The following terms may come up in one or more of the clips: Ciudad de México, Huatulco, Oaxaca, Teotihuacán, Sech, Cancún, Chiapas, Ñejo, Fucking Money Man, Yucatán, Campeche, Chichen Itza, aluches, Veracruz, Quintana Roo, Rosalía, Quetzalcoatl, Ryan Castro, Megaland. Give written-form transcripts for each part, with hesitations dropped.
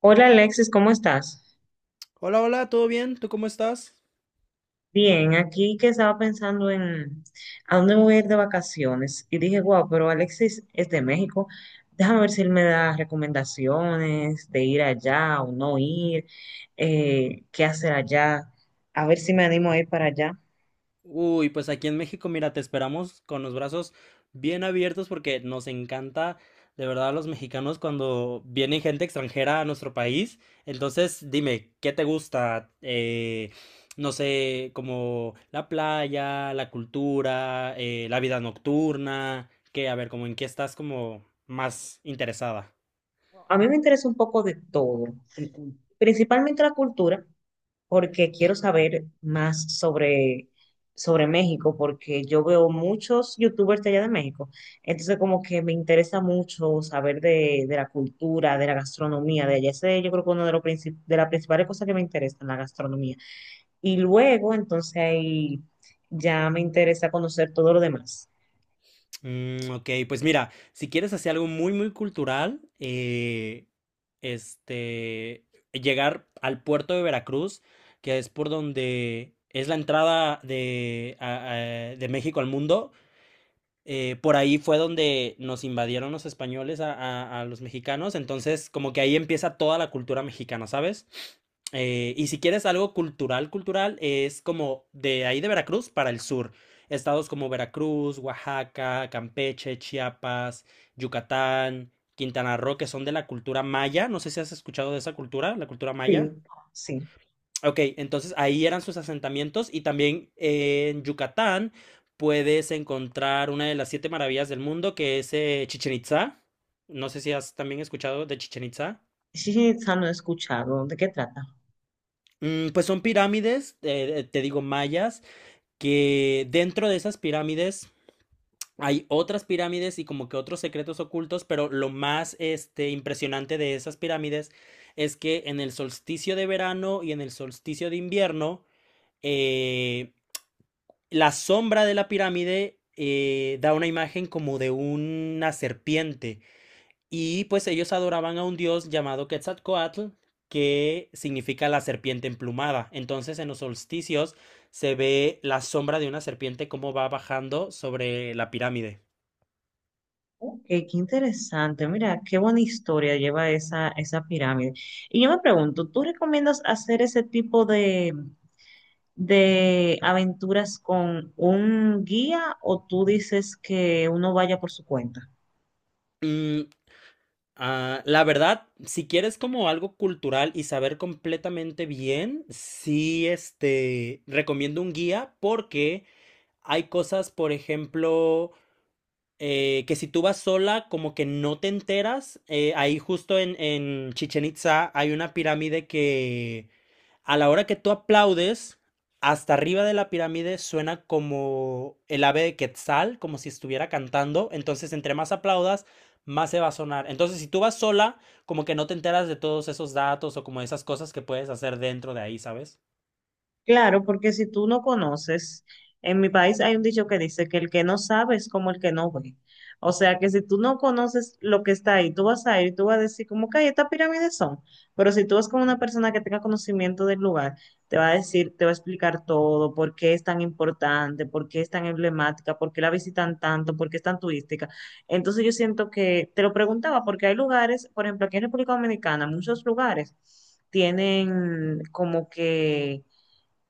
Hola Alexis, ¿cómo estás? Hola, hola, ¿todo bien? ¿Tú cómo estás? Bien, aquí que estaba pensando en a dónde me voy a ir de vacaciones y dije, wow, pero Alexis es de México, déjame ver si él me da recomendaciones de ir allá o no ir, qué hacer allá, a ver si me animo a ir para allá. Uy, pues aquí en México, mira, te esperamos con los brazos bien abiertos porque nos encanta, de verdad, a los mexicanos cuando viene gente extranjera a nuestro país. Entonces, dime, ¿qué te gusta? No sé, como la playa, la cultura, la vida nocturna, que, a ver, como en qué estás como más interesada. A mí me interesa un poco de todo, principalmente la cultura, porque quiero saber más sobre México, porque yo veo muchos youtubers de allá de México. Entonces, como que me interesa mucho saber de la cultura, de la gastronomía de allá. Ese yo creo que uno de los de las principales cosas que me interesan, la gastronomía. Y luego, entonces ahí ya me interesa conocer todo lo demás. Ok, pues mira, si quieres hacer algo muy, muy cultural, este, llegar al puerto de Veracruz, que es por donde es la entrada de México al mundo. Por ahí fue donde nos invadieron los españoles a los mexicanos, entonces como que ahí empieza toda la cultura mexicana, ¿sabes? Y si quieres algo cultural, cultural, es como de ahí de Veracruz para el sur. Estados como Veracruz, Oaxaca, Campeche, Chiapas, Yucatán, Quintana Roo, que son de la cultura maya. No sé si has escuchado de esa cultura, la cultura maya. Sí. Sí. Ok, entonces ahí eran sus asentamientos y también en Yucatán puedes encontrar una de las siete maravillas del mundo, que es Chichen Itza. No sé si has también escuchado de Chichen Itza. Sí, no he escuchado. ¿De qué trata? Pues son pirámides, te digo mayas, que dentro de esas pirámides hay otras pirámides y como que otros secretos ocultos. Pero lo más impresionante de esas pirámides es que en el solsticio de verano y en el solsticio de invierno, eh, la sombra de la pirámide da una imagen como de una serpiente. Y pues ellos adoraban a un dios llamado Quetzalcoatl, que significa la serpiente emplumada. Entonces, en los solsticios se ve la sombra de una serpiente como va bajando sobre la pirámide. Ok, qué interesante. Mira, qué buena historia lleva esa pirámide. Y yo me pregunto, ¿tú recomiendas hacer ese tipo de aventuras con un guía o tú dices que uno vaya por su cuenta? Mm, ah, la verdad, si quieres como algo cultural y saber completamente bien, sí, recomiendo un guía, porque hay cosas, por ejemplo, que si tú vas sola, como que no te enteras. Ahí justo en, Chichen Itza hay una pirámide que a la hora que tú aplaudes, hasta arriba de la pirámide suena como el ave de Quetzal, como si estuviera cantando. Entonces, entre más aplaudas, más se va a sonar. Entonces, si tú vas sola, como que no te enteras de todos esos datos o como de esas cosas que puedes hacer dentro de ahí, ¿sabes? Claro, porque si tú no conoces, en mi país hay un dicho que dice que el que no sabe es como el que no ve. O sea que si tú no conoces lo que está ahí, tú vas a ir y tú vas a decir como que "Ay, estas pirámides son". Pero si tú vas con una persona que tenga conocimiento del lugar, te va a decir, te va a explicar todo, por qué es tan importante, por qué es tan emblemática, por qué la visitan tanto, por qué es tan turística. Entonces yo siento que te lo preguntaba porque hay lugares, por ejemplo, aquí en República Dominicana, muchos lugares tienen como que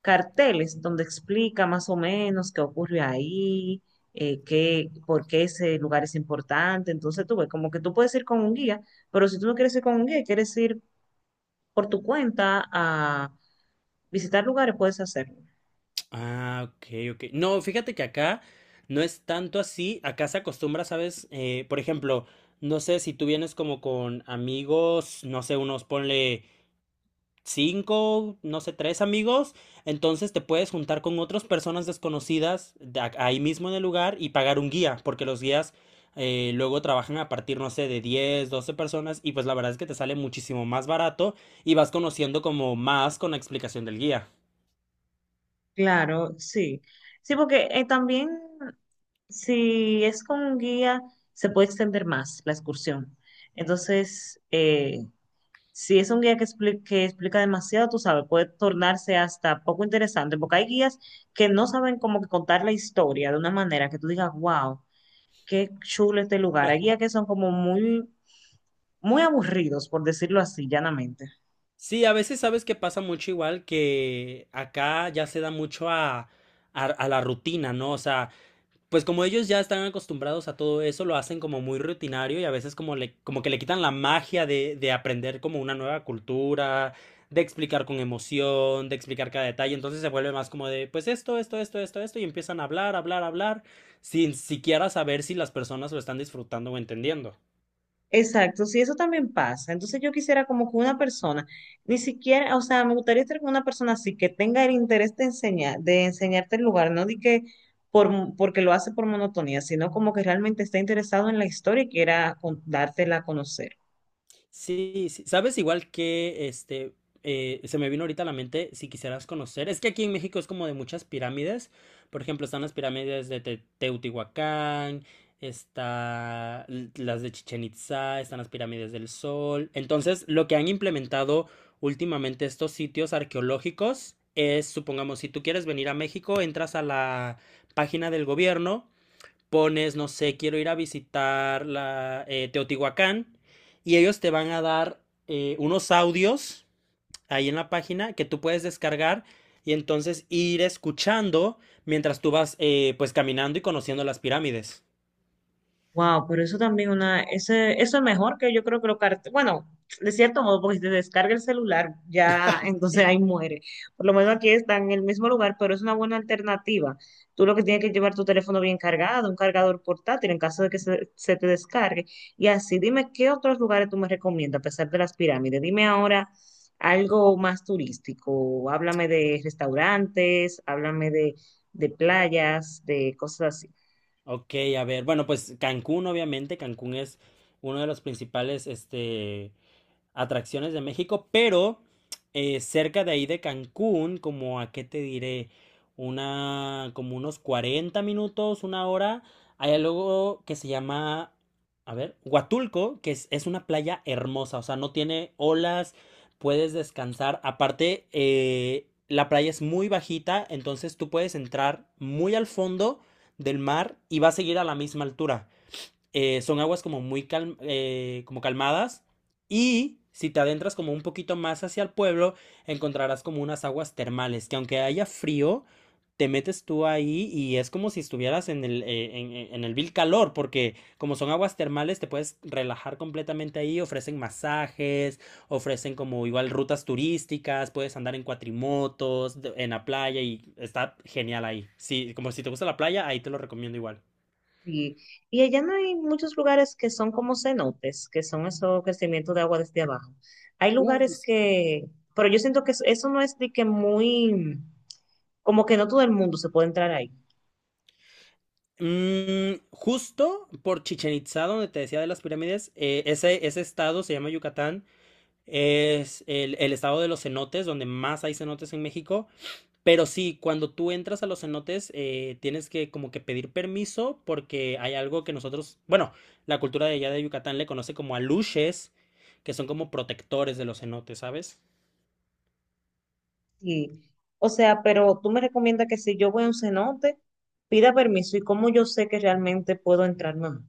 carteles donde explica más o menos qué ocurre ahí, qué, por qué ese lugar es importante. Entonces tú ves, como que tú puedes ir con un guía, pero si tú no quieres ir con un guía y quieres ir por tu cuenta a visitar lugares, puedes hacerlo. Ah, ok, ok. No, fíjate que acá no es tanto así. Acá se acostumbra, ¿sabes? Por ejemplo, no sé si tú vienes como con amigos, no sé, unos ponle cinco, no sé, tres amigos. Entonces te puedes juntar con otras personas desconocidas ahí mismo en el lugar y pagar un guía, porque los guías luego trabajan a partir, no sé, de 10, 12 personas, y pues la verdad es que te sale muchísimo más barato y vas conociendo como más con la explicación del guía. Claro, sí. Sí, porque también si es con un guía, se puede extender más la excursión. Entonces, si es un guía que explica demasiado, tú sabes, puede tornarse hasta poco interesante, porque hay guías que no saben cómo que contar la historia de una manera que tú digas, wow, qué chulo este lugar. Hay guías que son como muy aburridos, por decirlo así, llanamente. Sí, a veces sabes que pasa mucho igual, que acá ya se da mucho a la rutina, ¿no? O sea, pues como ellos ya están acostumbrados a todo eso, lo hacen como muy rutinario, y a veces como que le quitan la magia de aprender como una nueva cultura, de explicar con emoción, de explicar cada detalle. Entonces se vuelve más como de, pues esto, y empiezan a hablar, hablar, hablar, sin siquiera saber si las personas lo están disfrutando o entendiendo. Exacto, sí, eso también pasa. Entonces yo quisiera como que una persona, ni siquiera, o sea, me gustaría estar con una persona así que tenga el interés de enseñar, de enseñarte el lugar, no de que por, porque lo hace por monotonía, sino como que realmente está interesado en la historia y quiera dártela a conocer. Sí, sí. Sabes, igual que se me vino ahorita a la mente si quisieras conocer. Es que aquí en México es como de muchas pirámides. Por ejemplo, están las pirámides de Teotihuacán, las de Chichen Itzá, están las pirámides del Sol. Entonces, lo que han implementado últimamente estos sitios arqueológicos es, supongamos, si tú quieres venir a México, entras a la página del gobierno, pones, no sé, quiero ir a visitar Teotihuacán, y ellos te van a dar, unos audios ahí en la página, que tú puedes descargar, y entonces ir escuchando mientras tú vas, pues caminando y conociendo las pirámides. Wow, pero eso también una, ese, eso es mejor que yo creo que lo bueno, de cierto modo, porque si te descarga el celular, ya entonces ahí muere. Por lo menos aquí está en el mismo lugar, pero es una buena alternativa. Tú lo que tienes que llevar tu teléfono bien cargado, un cargador portátil en caso de que se te descargue. Y así, dime qué otros lugares tú me recomiendas, a pesar de las pirámides. Dime ahora algo más turístico. Háblame de restaurantes, háblame de playas, de cosas así. Ok, a ver, bueno, pues Cancún obviamente, Cancún es uno de los principales atracciones de México. Pero cerca de ahí de Cancún, como a qué te diré, como unos 40 minutos, una hora, hay algo que se llama, a ver, Huatulco, que es una playa hermosa, o sea, no tiene olas, puedes descansar. Aparte, la playa es muy bajita, entonces tú puedes entrar muy al fondo del mar y va a seguir a la misma altura. Eh, son aguas como muy como calmadas, y si te adentras como un poquito más hacia el pueblo, encontrarás como unas aguas termales que, aunque haya frío, te metes tú ahí y es como si estuvieras en el vil calor, porque como son aguas termales, te puedes relajar completamente ahí, ofrecen masajes, ofrecen como igual rutas turísticas, puedes andar en cuatrimotos, en la playa, y está genial ahí. Sí, como si te gusta la playa, ahí te lo recomiendo igual. Sí. Y allá no hay muchos lugares que son como cenotes, que son esos crecimientos de agua desde abajo. Hay lugares que, pero yo siento que eso no es de que muy, como que no todo el mundo se puede entrar ahí. Justo por Chichen Itzá, donde te decía de las pirámides, ese estado se llama Yucatán. Es el estado de los cenotes, donde más hay cenotes en México. Pero sí, cuando tú entras a los cenotes, tienes que como que pedir permiso, porque hay algo que nosotros, bueno, la cultura de allá de Yucatán le conoce como aluches, que son como protectores de los cenotes, ¿sabes? Sí. O sea, pero tú me recomiendas que si yo voy a un cenote, pida permiso y cómo yo sé que realmente puedo entrar, no.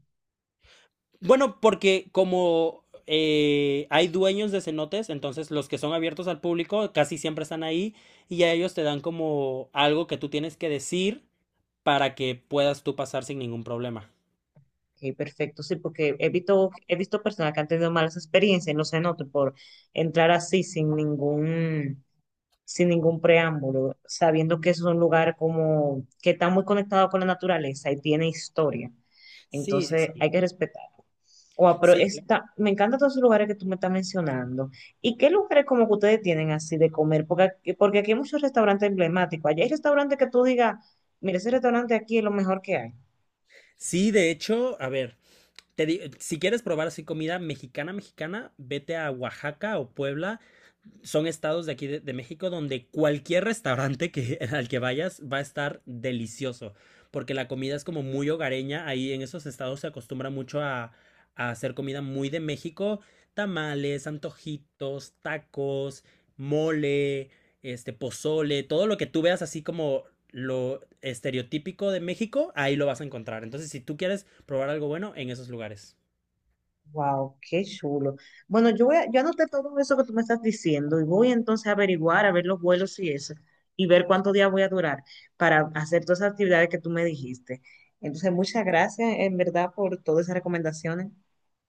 Bueno, porque como hay dueños de cenotes, entonces los que son abiertos al público casi siempre están ahí, y a ellos te dan como algo que tú tienes que decir para que puedas tú pasar sin ningún problema. Ok, perfecto, sí, porque he visto personas que han tenido malas experiencias en los cenotes por entrar así sin ningún preámbulo, sabiendo que es un lugar como que está muy conectado con la naturaleza y tiene historia. Sí, sí, Entonces sí. hay que respetar. O pero Sí, claro. está, me encantan todos esos lugares que tú me estás mencionando. ¿Y qué lugares como que ustedes tienen así de comer? Porque aquí hay muchos restaurantes emblemáticos. Allá hay restaurantes que tú digas, mira, ese restaurante aquí es lo mejor que hay. Sí, de hecho, a ver, si quieres probar así comida mexicana, mexicana, vete a Oaxaca o Puebla, son estados de aquí de México, donde cualquier restaurante al que vayas va a estar delicioso, porque la comida es como muy hogareña. Ahí en esos estados se acostumbra mucho a hacer comida muy de México: tamales, antojitos, tacos, mole, pozole, todo lo que tú veas así como lo estereotípico de México, ahí lo vas a encontrar. Entonces, si tú quieres probar algo bueno, en esos lugares. Wow, qué chulo. Bueno, yo voy a, yo anoté todo eso que tú me estás diciendo y voy entonces a averiguar, a ver los vuelos y eso, y ver cuántos días voy a durar para hacer todas esas actividades que tú me dijiste. Entonces, muchas gracias en verdad por todas esas recomendaciones.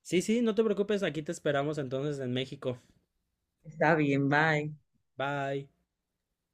Sí, sí, no te preocupes, aquí te esperamos entonces en México. Está bien, bye. Bye.